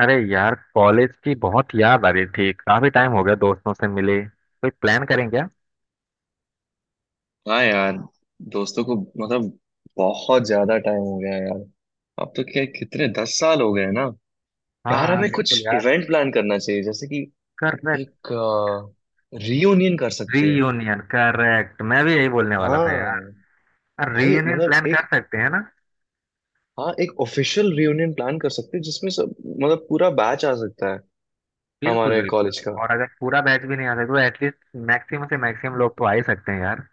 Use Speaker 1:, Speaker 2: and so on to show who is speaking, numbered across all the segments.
Speaker 1: अरे यार, कॉलेज की बहुत याद आ रही थी। काफी टाइम हो गया दोस्तों से मिले, कोई प्लान करें क्या?
Speaker 2: हाँ यार दोस्तों को मतलब बहुत ज्यादा टाइम हो गया है यार। अब तो क्या कितने 10 साल हो गए हैं ना।
Speaker 1: हाँ,
Speaker 2: यार
Speaker 1: हाँ,
Speaker 2: हमें
Speaker 1: बिल्कुल
Speaker 2: कुछ
Speaker 1: यार।
Speaker 2: इवेंट प्लान करना चाहिए जैसे कि
Speaker 1: करेक्ट।
Speaker 2: एक रियूनियन कर सकते हैं।
Speaker 1: Reunion, correct. मैं भी यही बोलने वाला था
Speaker 2: हाँ
Speaker 1: यार।
Speaker 2: भाई
Speaker 1: रीयूनियन
Speaker 2: मतलब
Speaker 1: प्लान कर
Speaker 2: एक।
Speaker 1: सकते हैं ना।
Speaker 2: हाँ, एक ऑफिशियल रियूनियन प्लान कर सकते हैं जिसमें सब मतलब पूरा बैच आ सकता है
Speaker 1: बिल्कुल
Speaker 2: हमारे
Speaker 1: बिल्कुल।
Speaker 2: कॉलेज का।
Speaker 1: और अगर पूरा बैच भी नहीं आ सकता तो एटलीस्ट मैक्सिमम से मैक्सिमम लोग तो आ ही सकते हैं यार।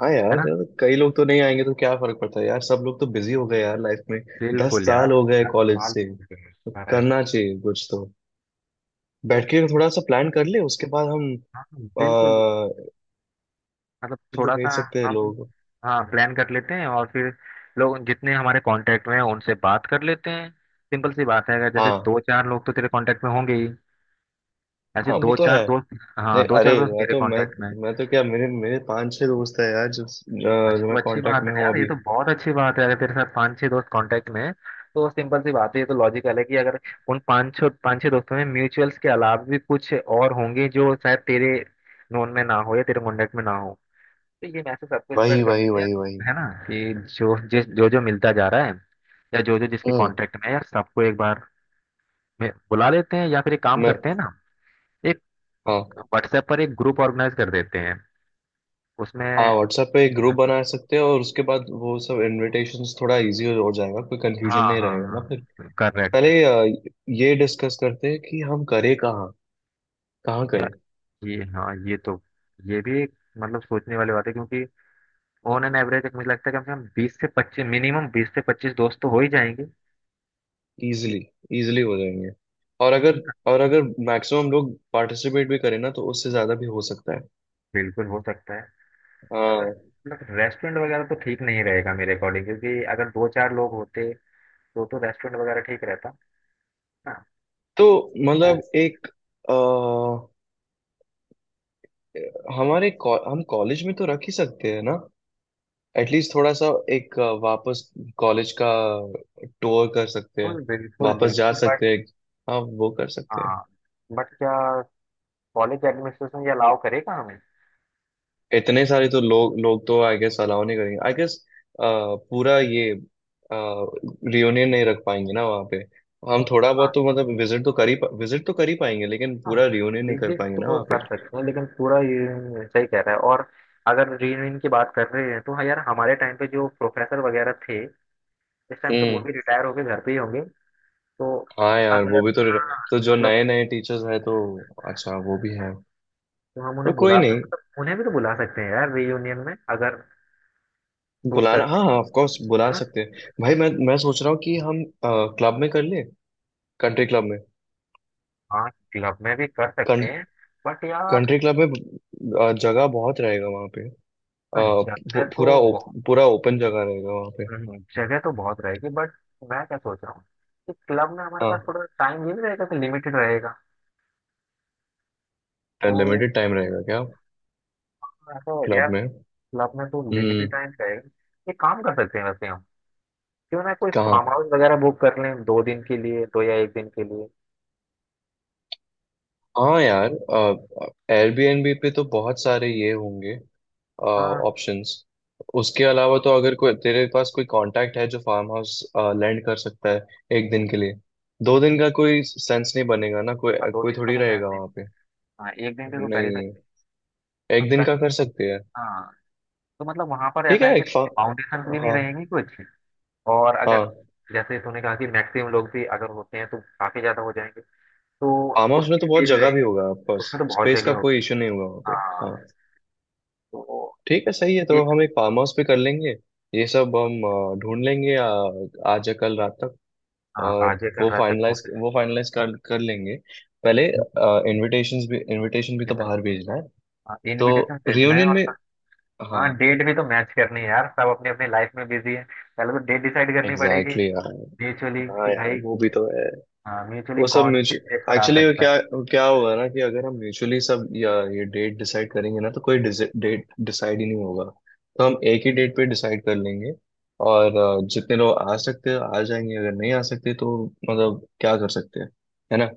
Speaker 2: हाँ
Speaker 1: है
Speaker 2: यार
Speaker 1: ना।
Speaker 2: जब कई लोग तो नहीं आएंगे तो क्या फर्क पड़ता है यार, सब लोग तो बिजी हो गए यार लाइफ में। दस
Speaker 1: बिल्कुल
Speaker 2: साल
Speaker 1: यार।
Speaker 2: हो गए
Speaker 1: दस
Speaker 2: कॉलेज
Speaker 1: साल
Speaker 2: से
Speaker 1: हो गए,
Speaker 2: तो
Speaker 1: correct।
Speaker 2: करना चाहिए कुछ तो। बैठ के थोड़ा सा प्लान कर ले उसके बाद हम
Speaker 1: हाँ,
Speaker 2: आ,
Speaker 1: बिल्कुल। मतलब
Speaker 2: तो
Speaker 1: थोड़ा सा
Speaker 2: भेज सकते हैं
Speaker 1: हम,
Speaker 2: लोग।
Speaker 1: हाँ, प्लान कर लेते हैं और फिर लोग जितने हमारे कांटेक्ट में हैं उनसे बात कर लेते हैं। सिंपल सी बात है, अगर जैसे
Speaker 2: हाँ
Speaker 1: दो चार लोग तो तेरे कांटेक्ट में होंगे ही। ऐसे
Speaker 2: हाँ वो
Speaker 1: दो
Speaker 2: तो है।
Speaker 1: चार दोस्त
Speaker 2: नहीं
Speaker 1: हाँ, दो
Speaker 2: अरे
Speaker 1: चार दोस्त मेरे कांटेक्ट में हैं।
Speaker 2: मैं तो क्या मेरे मेरे पांच छह दोस्त है यार जो जो
Speaker 1: अच्छा,
Speaker 2: जो
Speaker 1: तो
Speaker 2: मैं
Speaker 1: अच्छी बात
Speaker 2: कांटेक्ट
Speaker 1: है
Speaker 2: में
Speaker 1: ना
Speaker 2: हूँ
Speaker 1: यार, ये
Speaker 2: अभी।
Speaker 1: तो बहुत अच्छी बात है अगर तेरे साथ पांच छह दोस्त कांटेक्ट में हैं। तो सिंपल सी बात है, ये तो लॉजिकल है कि अगर उन पांच छह दोस्तों में म्यूचुअल्स के अलावा भी कुछ और होंगे जो शायद तेरे नोन में ना हो या तेरे कांटेक्ट में ना हो। तो ये मैसेज सबको स्प्रेड
Speaker 2: वही
Speaker 1: करते
Speaker 2: वही
Speaker 1: हैं कि यार,
Speaker 2: वही वही
Speaker 1: है ना, कि जो जिस जो जो मिलता जा रहा है या जो जो जिसके
Speaker 2: हम्म
Speaker 1: कॉन्टेक्ट में है यार, सबको एक बार में बुला लेते हैं। या फिर एक काम
Speaker 2: मैं
Speaker 1: करते हैं ना, एक
Speaker 2: हाँ
Speaker 1: व्हाट्सएप पर एक ग्रुप ऑर्गेनाइज कर देते हैं उसमें।
Speaker 2: हाँ व्हाट्सएप पे एक ग्रुप बना सकते हैं और उसके बाद वो सब इनविटेशंस थोड़ा इजी हो जाएगा, कोई
Speaker 1: हाँ,
Speaker 2: कंफ्यूजन नहीं
Speaker 1: हाँ,
Speaker 2: रहेगा ना फिर।
Speaker 1: हाँ, करेक्ट।
Speaker 2: पहले ये डिस्कस करते हैं कि हम करें कहाँ। कहाँ करें।
Speaker 1: यार, ये हाँ ये तो ये भी एक मतलब सोचने वाली बात है, क्योंकि ऑन एन एवरेज मुझे लगता है कम से कम 20 से 25, मिनिमम 20 से 25 दोस्त तो हो ही जाएंगे।
Speaker 2: इजीली इजीली हो जाएंगे। और अगर और अगर मैक्सिमम लोग पार्टिसिपेट भी करें ना तो उससे ज्यादा भी हो सकता है।
Speaker 1: बिल्कुल हो सकता है।
Speaker 2: हाँ।
Speaker 1: मतलब रेस्टोरेंट वगैरह तो ठीक नहीं रहेगा मेरे अकॉर्डिंग, क्योंकि अगर दो चार लोग होते तो रेस्टोरेंट वगैरह ठीक रहता ना।
Speaker 2: तो मतलब एक अ, हम कॉलेज में तो रख ही सकते हैं ना। एटलीस्ट थोड़ा सा एक वापस कॉलेज का टूर कर सकते हैं।
Speaker 1: बिल्कुल बिल्कुल
Speaker 2: वापस जा
Speaker 1: बिल्कुल, बट
Speaker 2: सकते हैं। हाँ वो कर सकते हैं।
Speaker 1: हाँ, बट क्या कॉलेज एडमिनिस्ट्रेशन ये अलाउ करेगा हमें?
Speaker 2: इतने सारे तो लोग लोग तो आई गेस अलाउ नहीं करेंगे आई गेस। पूरा ये रियूनियन नहीं रख पाएंगे ना वहाँ पे। हम थोड़ा बहुत तो
Speaker 1: हाँ,
Speaker 2: मतलब विजिट तो कर ही पाएंगे लेकिन
Speaker 1: हाँ,
Speaker 2: पूरा रियूनियन नहीं कर
Speaker 1: रिजेक्ट
Speaker 2: पाएंगे ना
Speaker 1: तो
Speaker 2: वहाँ पे।
Speaker 1: कर सकते हैं लेकिन पूरा ये सही कह रहा है। और अगर रीयूनियन की बात कर रहे हैं तो हाँ यार, हमारे टाइम पे जो प्रोफेसर वगैरह थे, इस टाइम तो वो
Speaker 2: हम्म।
Speaker 1: भी रिटायर होके घर पे ही होंगे। तो
Speaker 2: हाँ यार
Speaker 1: अगर,
Speaker 2: वो भी तो रह-
Speaker 1: हाँ,
Speaker 2: तो जो
Speaker 1: मतलब
Speaker 2: नए नए टीचर्स हैं तो। अच्छा वो भी है।
Speaker 1: तो हम
Speaker 2: तो कोई नहीं
Speaker 1: उन्हें भी तो बुला सकते हैं यार रीयूनियन में, अगर शूट
Speaker 2: बुलाना,
Speaker 1: करते
Speaker 2: हाँ हाँ
Speaker 1: हैं
Speaker 2: ऑफ
Speaker 1: तो।
Speaker 2: कोर्स बुला
Speaker 1: है ना।
Speaker 2: सकते हैं। भाई मैं सोच रहा हूँ कि हम क्लब में कर ले। कंट्री क्लब में।
Speaker 1: हाँ, क्लब में भी कर सकते हैं बट यार,
Speaker 2: कंट्री क्लब में जगह बहुत रहेगा वहाँ पे। अ,
Speaker 1: हाँ, जगह
Speaker 2: पू-
Speaker 1: तो
Speaker 2: पूरा ओप,
Speaker 1: बहुत।
Speaker 2: पूरा ओपन जगह रहेगा वहाँ पे।
Speaker 1: जगह तो बहुत रहेगी, बट मैं क्या सोच रहा हूँ कि क्लब में हमारे
Speaker 2: हाँ।
Speaker 1: पास थोड़ा टाइम भी नहीं रहेगा, कि लिमिटेड रहेगा। तो
Speaker 2: अनलिमिटेड टाइम रहेगा क्या
Speaker 1: ऐसा यार,
Speaker 2: क्लब में।
Speaker 1: क्लब में तो लिमिटेड
Speaker 2: हम्म।
Speaker 1: टाइम रहेगा। एक काम कर सकते हैं वैसे हम, क्यों ना कोई
Speaker 2: कहाँ।
Speaker 1: फार्म हाउस वगैरह बुक कर लें 2 दिन के लिए, दो या एक दिन के लिए।
Speaker 2: हाँ यार एयरबीएनबी पे तो बहुत सारे ये होंगे
Speaker 1: हाँ
Speaker 2: ऑप्शंस। उसके अलावा
Speaker 1: बिल्कुल।
Speaker 2: तो अगर कोई तेरे पास कोई कांटेक्ट है जो फार्म हाउस लैंड कर सकता है एक दिन के लिए। 2 दिन का कोई सेंस नहीं बनेगा ना, कोई
Speaker 1: हाँ, दो
Speaker 2: कोई
Speaker 1: दिन का
Speaker 2: थोड़ी
Speaker 1: तो टाइम
Speaker 2: रहेगा
Speaker 1: नहीं
Speaker 2: वहाँ
Speaker 1: है।
Speaker 2: पे।
Speaker 1: हाँ, एक दिन का तो कर ही
Speaker 2: नहीं,
Speaker 1: सकते
Speaker 2: एक दिन
Speaker 1: हैं।
Speaker 2: का कर सकते हैं।
Speaker 1: हाँ, तो मतलब वहां पर
Speaker 2: ठीक
Speaker 1: ऐसा है
Speaker 2: है
Speaker 1: कि
Speaker 2: एक फा
Speaker 1: फाउंडेशन भी नहीं
Speaker 2: हाँ
Speaker 1: रहेगी कुछ। और अगर
Speaker 2: हाँ।
Speaker 1: जैसे तूने कहा कि मैक्सिमम लोग भी अगर होते हैं तो काफी ज्यादा हो जाएंगे, तो
Speaker 2: फार्म हाउस में
Speaker 1: उसकी
Speaker 2: तो
Speaker 1: भी
Speaker 2: बहुत
Speaker 1: देरी
Speaker 2: जगह भी
Speaker 1: रहेगी,
Speaker 2: होगा ऑफ कोर्स।
Speaker 1: उसमें तो बहुत
Speaker 2: स्पेस का
Speaker 1: जगह
Speaker 2: कोई
Speaker 1: होगी।
Speaker 2: इश्यू नहीं होगा वहाँ पे।
Speaker 1: हाँ,
Speaker 2: हाँ
Speaker 1: तो
Speaker 2: ठीक है सही है, तो
Speaker 1: ये
Speaker 2: हम एक फार्म हाउस पे कर लेंगे। ये सब हम ढूंढ लेंगे आज या कल रात तक।
Speaker 1: हाँ,
Speaker 2: और
Speaker 1: आज ये कर रहा था घूमने।
Speaker 2: वो फाइनलाइज कर कर लेंगे पहले। इनविटेशंस भी इनविटेशन भी तो बाहर भेजना है,
Speaker 1: हाँ,
Speaker 2: तो
Speaker 1: इनविटेशन भेजना है
Speaker 2: रियूनियन
Speaker 1: और
Speaker 2: में। हाँ
Speaker 1: हाँ, डेट भी तो मैच करनी है यार, सब अपने अपने लाइफ में बिजी है। पहले तो डेट डिसाइड करनी पड़ेगी
Speaker 2: एग्जैक्टली यार।
Speaker 1: म्यूचुअली,
Speaker 2: हाँ
Speaker 1: कि
Speaker 2: यार
Speaker 1: भाई
Speaker 2: वो भी तो है।
Speaker 1: हाँ, म्यूचुअली
Speaker 2: वो सब
Speaker 1: कौन किस डेट
Speaker 2: म्यूचुअल
Speaker 1: पर आ
Speaker 2: एक्चुअली
Speaker 1: सकता
Speaker 2: क्या।
Speaker 1: है।
Speaker 2: क्या होगा ना कि अगर हम म्यूचुअली सब या ये डेट डिसाइड करेंगे ना तो कोई डेट डिसाइड ही नहीं होगा। तो हम एक ही डेट पे डिसाइड कर लेंगे। और जितने लोग आ सकते हैं आ जाएंगे, अगर नहीं आ सकते तो मतलब क्या कर सकते हैं, है ना।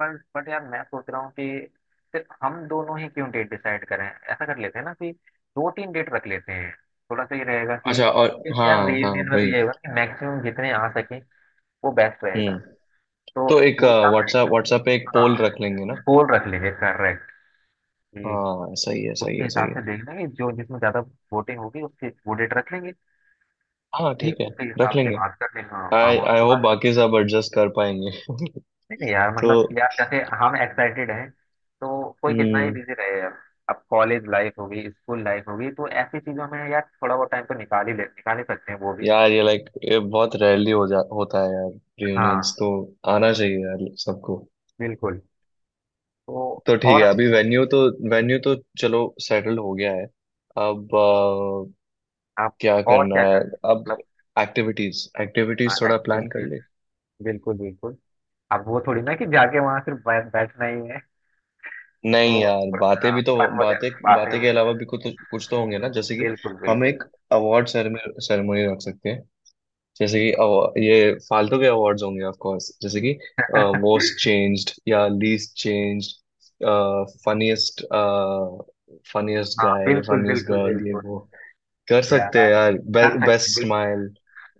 Speaker 1: पर बट यार, मैं सोच रहा हूँ कि सिर्फ हम दोनों ही क्यों डेट डिसाइड करें, ऐसा कर लेते हैं ना कि दो तीन डेट रख लेते हैं। थोड़ा सा ये रहेगा कि,
Speaker 2: अच्छा और।
Speaker 1: क्योंकि
Speaker 2: हाँ
Speaker 1: यार
Speaker 2: हाँ
Speaker 1: रियूनियन में तो
Speaker 2: भाई।
Speaker 1: ये होगा कि मैक्सिमम जितने आ सके वो बेस्ट रहेगा।
Speaker 2: हम्म।
Speaker 1: तो
Speaker 2: तो एक
Speaker 1: वो एक काम
Speaker 2: व्हाट्सएप व्हाट्सएप पे एक
Speaker 1: करेंगे हाँ,
Speaker 2: पोल रख लेंगे ना।
Speaker 1: पोल रख लेंगे, करेक्ट, कि
Speaker 2: हाँ सही है सही
Speaker 1: उसके
Speaker 2: है सही
Speaker 1: हिसाब से
Speaker 2: है।
Speaker 1: देख लेंगे जो जिसमें ज्यादा वोटिंग होगी, उसके वो डेट रख लेंगे।
Speaker 2: हाँ
Speaker 1: फिर
Speaker 2: ठीक है
Speaker 1: उसी
Speaker 2: रख
Speaker 1: हिसाब से
Speaker 2: लेंगे।
Speaker 1: बात कर लेंगे, हाँ, फार्म
Speaker 2: आई
Speaker 1: हाउस
Speaker 2: आई
Speaker 1: की
Speaker 2: होप
Speaker 1: बात।
Speaker 2: बाकी सब एडजस्ट कर पाएंगे।
Speaker 1: नहीं, नहीं, यार मतलब
Speaker 2: तो।
Speaker 1: यार जैसे हम एक्साइटेड हैं तो कोई कितना ही
Speaker 2: हम्म
Speaker 1: बिजी रहे यार, अब कॉलेज लाइफ होगी, स्कूल लाइफ होगी, तो ऐसी चीजों में यार थोड़ा बहुत टाइम तो निकाल ही सकते हैं वो भी।
Speaker 2: यार ये लाइक ये बहुत रेयरली हो जा होता है यार, रियूनियंस
Speaker 1: हाँ,
Speaker 2: तो। आना चाहिए यार सबको।
Speaker 1: बिल्कुल। तो
Speaker 2: तो ठीक है
Speaker 1: और
Speaker 2: अभी वेन्यू तो चलो सेटल हो गया है। अब
Speaker 1: आप,
Speaker 2: क्या
Speaker 1: और
Speaker 2: करना
Speaker 1: क्या
Speaker 2: है।
Speaker 1: करें
Speaker 2: अब
Speaker 1: मतलब
Speaker 2: एक्टिविटीज एक्टिविटीज थोड़ा प्लान कर
Speaker 1: एक्टिविटी,
Speaker 2: ले।
Speaker 1: बिल्कुल बिल्कुल। अब वो थोड़ी ना कि जाके वहां सिर्फ बैठना ही है।
Speaker 2: नहीं
Speaker 1: तो
Speaker 2: यार बातें
Speaker 1: हाँ,
Speaker 2: भी तो,
Speaker 1: फन
Speaker 2: बातें
Speaker 1: वगैरह बातें,
Speaker 2: बातें के अलावा भी कुछ तो होंगे ना जैसे कि
Speaker 1: बिल्कुल
Speaker 2: हम
Speaker 1: बिल्कुल।
Speaker 2: एक अवार्ड सेरेमनी सेरेमनी रख सकते हैं। जैसे कि ये फालतू के अवार्ड्स होंगे ऑफ कोर्स, जैसे कि मोस्ट चेंज्ड या लीस्ट चेंज्ड। फनीस्ट फनीस्ट
Speaker 1: हाँ,
Speaker 2: गाय,
Speaker 1: बिल्कुल
Speaker 2: फनीस्ट
Speaker 1: बिल्कुल
Speaker 2: गर्ल, ये
Speaker 1: बिल्कुल
Speaker 2: वो कर सकते
Speaker 1: यार,
Speaker 2: हैं यार।
Speaker 1: कर सकते
Speaker 2: बेस्ट
Speaker 1: हैं,
Speaker 2: स्माइल।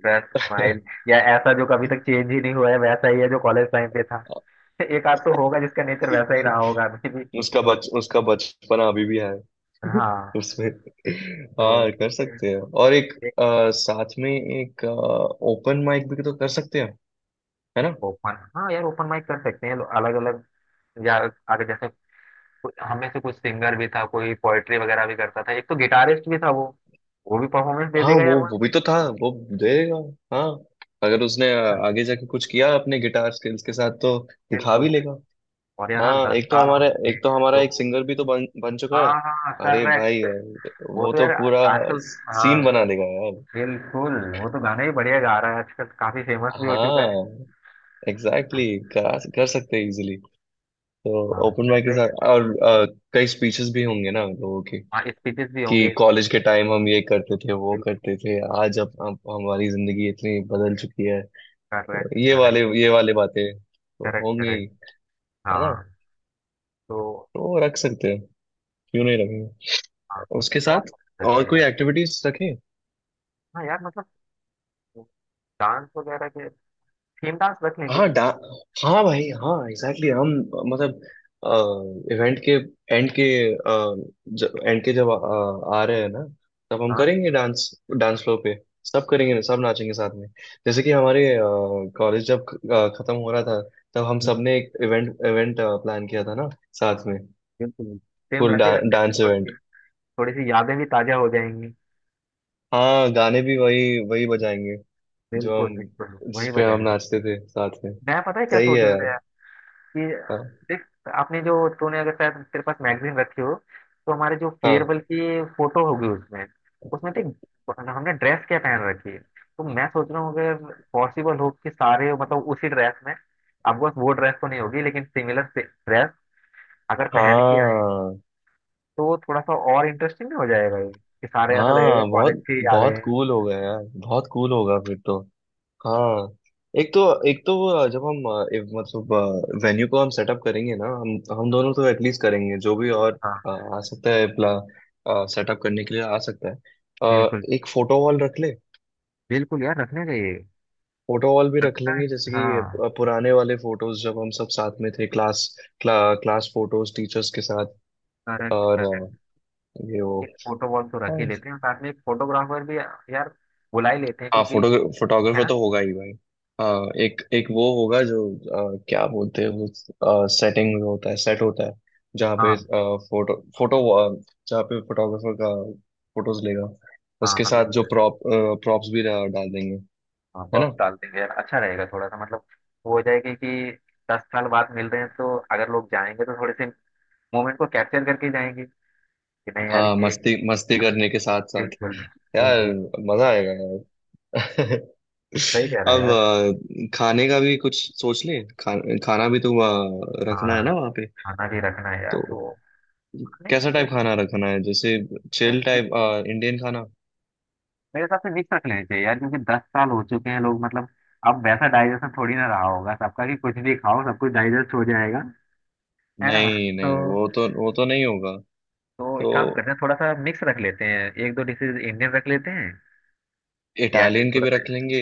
Speaker 1: बस स्माइल या ऐसा जो कभी तक चेंज ही नहीं हुआ है, वैसा ही है जो कॉलेज टाइम पे था। एक आध तो होगा जिसका नेचर वैसा ही रहा होगा अभी भी।
Speaker 2: उसका बचपना अभी भी है।
Speaker 1: हाँ,
Speaker 2: उसमें।
Speaker 1: तो
Speaker 2: हाँ कर
Speaker 1: ठीक है
Speaker 2: सकते हैं, और एक
Speaker 1: एक,
Speaker 2: साथ में एक ओपन माइक भी तो कर सकते हैं, है ना।
Speaker 1: ओपन हाँ यार, ओपन माइक कर सकते हैं अलग अलग। या आगे जैसे हम में से कुछ सिंगर भी था, कोई पोएट्री वगैरह भी करता था, एक तो गिटारिस्ट भी था, वो भी परफॉर्मेंस दे
Speaker 2: हाँ
Speaker 1: देगा यार वहाँ
Speaker 2: वो भी
Speaker 1: पे।
Speaker 2: तो था। वो देगा। हाँ अगर उसने
Speaker 1: हाँ,
Speaker 2: आगे जाके कुछ किया अपने गिटार स्किल्स के साथ तो दिखा
Speaker 1: बिल्कुल
Speaker 2: भी लेगा।
Speaker 1: बिल्कुल। और यार, हाँ,
Speaker 2: हाँ
Speaker 1: दस साल हो चुके
Speaker 2: एक तो
Speaker 1: हैं।
Speaker 2: हमारा एक
Speaker 1: तो
Speaker 2: सिंगर भी तो बन बन चुका है।
Speaker 1: हाँ, हाँ,
Speaker 2: अरे भाई।
Speaker 1: करेक्ट। वो
Speaker 2: वो
Speaker 1: तो
Speaker 2: तो
Speaker 1: यार
Speaker 2: पूरा
Speaker 1: आजकल, हाँ,
Speaker 2: सीन बना देगा यार।
Speaker 1: बिल्कुल। वो तो गाना ही बढ़िया गा रहा है आजकल, काफी फेमस भी हो चुका है।
Speaker 2: हाँ एग्जैक्टली कर सकते हैं इजीली। तो
Speaker 1: हाँ,
Speaker 2: ओपन
Speaker 1: सही
Speaker 2: माइक के साथ
Speaker 1: कहना।
Speaker 2: और कई स्पीचेस भी होंगे ना लोगों के
Speaker 1: हाँ, स्पीचेस भी
Speaker 2: कि
Speaker 1: होंगे।
Speaker 2: कॉलेज के टाइम हम ये करते थे वो करते थे, आज अब हमारी जिंदगी इतनी बदल चुकी है। तो
Speaker 1: करेक्ट, करेक्ट,
Speaker 2: ये वाले बातें तो
Speaker 1: करेक्ट,
Speaker 2: होंगे ही,
Speaker 1: करेक्ट।
Speaker 2: है ना।
Speaker 1: हाँ, तो
Speaker 2: तो वो रख सकते हैं, क्यों नहीं रखेंगे
Speaker 1: हाँ,
Speaker 2: उसके
Speaker 1: और
Speaker 2: साथ। और
Speaker 1: जैसे
Speaker 2: कोई एक्टिविटीज रखें।
Speaker 1: हाँ यार मतलब डांस वगैरह के थीम डांस रख लेंगे।
Speaker 2: हाँ डा हाँ भाई हाँ एग्जैक्टली हम मतलब इवेंट के एंड के जब आ रहे हैं ना, तब हम
Speaker 1: हाँ
Speaker 2: करेंगे डांस। डांस फ्लोर पे सब करेंगे, सब नाचेंगे साथ में। जैसे कि हमारे कॉलेज जब खत्म हो रहा था तब हम सबने एक इवेंट इवेंट प्लान किया था ना साथ में।
Speaker 1: बिल्कुल, सेम वैसे ही रख लेते हैं
Speaker 2: डांस
Speaker 1: थोड़ी
Speaker 2: इवेंट।
Speaker 1: सी, थोड़ी सी यादें भी ताजा हो जाएंगी।
Speaker 2: हाँ गाने भी वही वही बजाएंगे जो
Speaker 1: बिल्कुल
Speaker 2: हम,
Speaker 1: बिल्कुल
Speaker 2: जिस
Speaker 1: वही
Speaker 2: पे हम
Speaker 1: बजाएंगे।
Speaker 2: नाचते थे साथ में।
Speaker 1: मैं पता है क्या
Speaker 2: सही
Speaker 1: सोच
Speaker 2: है
Speaker 1: रहा
Speaker 2: यार।
Speaker 1: था कि,
Speaker 2: हाँ
Speaker 1: देख आपने जो तूने, अगर शायद तेरे पास मैगजीन रखी हो, तो हमारे जो फेयरवेल
Speaker 2: हाँ
Speaker 1: की फोटो होगी उसमें उसमें देख हमने ड्रेस क्या पहन रखी है। तो मैं सोच रहा हूँ अगर पॉसिबल हो कि सारे मतलब उसी ड्रेस में, अब बस वो ड्रेस तो नहीं होगी लेकिन सिमिलर ड्रेस अगर पहन के आए
Speaker 2: हाँ
Speaker 1: तो थोड़ा सा और इंटरेस्टिंग भी हो जाएगा ये कि सारे ऐसा लगेगा
Speaker 2: हाँ,
Speaker 1: कॉलेज
Speaker 2: बहुत
Speaker 1: से ही आ गए
Speaker 2: बहुत
Speaker 1: हैं।
Speaker 2: कूल होगा यार, बहुत कूल होगा फिर तो। हाँ एक तो एक तो वो जब हम एक मतलब वेन्यू को हम सेटअप करेंगे ना, हम दोनों तो एटलीस्ट करेंगे जो भी और
Speaker 1: हाँ,
Speaker 2: अ, आ सकता है प्ला सेटअप करने के लिए आ सकता है,
Speaker 1: बिल्कुल
Speaker 2: एक फोटो वॉल रख ले।
Speaker 1: बिल्कुल यार, रखने चाहिए।
Speaker 2: फोटो वॉल भी रख लेंगे जैसे कि
Speaker 1: हाँ,
Speaker 2: पुराने वाले फोटोज जब हम सब साथ में थे क्लास। क्लास फोटोज टीचर्स के साथ। और
Speaker 1: करेक्ट।
Speaker 2: ये वो।
Speaker 1: एक फोटो वॉल तो रख
Speaker 2: हाँ
Speaker 1: ही लेते हैं, साथ में एक फोटोग्राफर भी यार बुला ही लेते हैं क्योंकि
Speaker 2: फोटो
Speaker 1: है
Speaker 2: फोटोग्राफर
Speaker 1: ना।
Speaker 2: तो होगा ही भाई। हाँ एक एक वो होगा जो क्या बोलते हैं, वो सेटिंग होता है, सेट होता है जहाँ पे
Speaker 1: हाँ,
Speaker 2: फोटो फोटो जहाँ पे फोटोग्राफर का फोटोज लेगा।
Speaker 1: हाँ,
Speaker 2: उसके
Speaker 1: हाँ,
Speaker 2: साथ जो
Speaker 1: बिल्कुल।
Speaker 2: प्रॉप्स भी डाल देंगे,
Speaker 1: हाँ,
Speaker 2: है ना।
Speaker 1: प्रॉप्स डाल देंगे यार, अच्छा रहेगा थोड़ा सा मतलब। वो हो जाएगा कि 10 साल बाद मिल रहे हैं तो अगर लोग जाएंगे तो थोड़े से मोमेंट को कैप्चर करके जाएंगे कि नहीं यार
Speaker 2: हाँ
Speaker 1: ये,
Speaker 2: मस्ती मस्ती करने के साथ साथ
Speaker 1: बिल्कुल
Speaker 2: यार
Speaker 1: बिल्कुल।
Speaker 2: मजा आएगा यार।
Speaker 1: सही कह रहा है
Speaker 2: अब
Speaker 1: यार।
Speaker 2: खाने का भी कुछ सोच ले, खाना भी तो वहाँ रखना है
Speaker 1: हाँ,
Speaker 2: ना वहाँ पे।
Speaker 1: खाना भी रखना है यार
Speaker 2: तो
Speaker 1: तो, नहीं तो
Speaker 2: कैसा टाइप
Speaker 1: फिर
Speaker 2: खाना रखना है, जैसे
Speaker 1: मैं-
Speaker 2: चिल
Speaker 1: मैं-
Speaker 2: टाइप इंडियन खाना।
Speaker 1: मेरे हिसाब से मिक्स रख लेना चाहिए यार क्योंकि दस साल हो चुके हैं, लोग मतलब अब वैसा डाइजेशन थोड़ी ना रहा होगा सबका कि कुछ भी खाओ सब कुछ डाइजेस्ट हो जाएगा। है ना।
Speaker 2: नहीं
Speaker 1: तो
Speaker 2: नहीं, वो तो नहीं होगा।
Speaker 1: तो एक
Speaker 2: तो
Speaker 1: काम करते हैं, थोड़ा सा मिक्स रख लेते हैं, एक दो डिशेज इंडियन रख लेते हैं या फिर
Speaker 2: इटालियन के
Speaker 1: थोड़ा
Speaker 2: भी
Speaker 1: सा।
Speaker 2: रख लेंगे,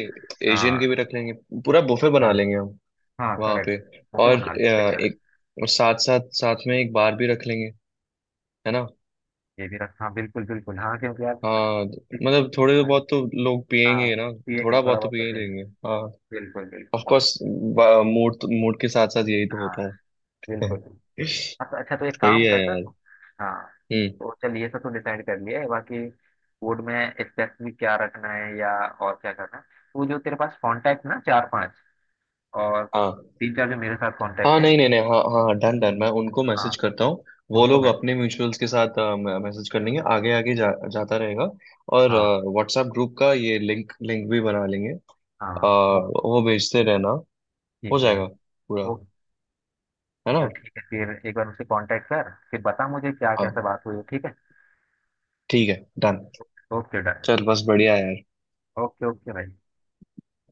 Speaker 2: एशियन के
Speaker 1: हाँ,
Speaker 2: भी रख लेंगे, पूरा बुफे
Speaker 1: हाँ,
Speaker 2: बना लेंगे हम
Speaker 1: हाँ,
Speaker 2: वहाँ
Speaker 1: करेक्ट,
Speaker 2: पे।
Speaker 1: बुफे
Speaker 2: और
Speaker 1: बना लेते हैं।
Speaker 2: एक और साथ साथ साथ में एक बार भी रख लेंगे, है ना।
Speaker 1: ये भी रख, हाँ, बिल्कुल बिल्कुल, हाँ, क्योंकि यार
Speaker 2: हाँ मतलब थोड़े बहुत तो लोग
Speaker 1: हाँ
Speaker 2: पियेंगे ना।
Speaker 1: ठीक है
Speaker 2: थोड़ा
Speaker 1: थोड़ा
Speaker 2: बहुत तो
Speaker 1: बहुत तो
Speaker 2: पिए लेंगे ऑफ
Speaker 1: बिल्कुल बिल्कुल बिल्कुल,
Speaker 2: कोर्स। मूड मूड के साथ साथ यही तो
Speaker 1: हाँ,
Speaker 2: होता है।
Speaker 1: बिल्कुल बिल्कुल।
Speaker 2: सही
Speaker 1: अच्छा, अच्छा, तो एक काम
Speaker 2: है
Speaker 1: करते हैं,
Speaker 2: यार।
Speaker 1: हाँ,
Speaker 2: हम्म।
Speaker 1: तो चल ये सब तो डिसाइड कर लिया है, बाकी फूड में स्पेसिफिक क्या रखना है या और क्या करना है। वो जो तेरे पास कांटेक्ट ना चार पांच और
Speaker 2: हाँ
Speaker 1: तीन चार जो मेरे साथ
Speaker 2: हाँ,
Speaker 1: कांटेक्ट है,
Speaker 2: नहीं नहीं नहीं, हाँ हाँ, डन डन, मैं उनको
Speaker 1: हाँ,
Speaker 2: मैसेज करता हूँ। वो
Speaker 1: उनको
Speaker 2: लोग
Speaker 1: मैं,
Speaker 2: अपने म्यूचुअल्स के साथ मैसेज कर लेंगे, आगे आगे जाता रहेगा। और
Speaker 1: हाँ,
Speaker 2: व्हाट्सएप ग्रुप का ये लिंक लिंक भी बना लेंगे,
Speaker 1: हाँ, वो
Speaker 2: वो भेजते रहना, हो
Speaker 1: ठीक है।
Speaker 2: जाएगा पूरा,
Speaker 1: ओ,
Speaker 2: है ना।
Speaker 1: चल ठीक है फिर एक बार उससे कांटेक्ट कर फिर बता मुझे क्या
Speaker 2: हाँ
Speaker 1: कैसे बात हुई है, ठीक है,
Speaker 2: ठीक है डन।
Speaker 1: ओके डन,
Speaker 2: चल बस बढ़िया है यार।
Speaker 1: ओके ओके भाई,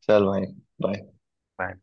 Speaker 2: चल भाई। बाय।
Speaker 1: बाय।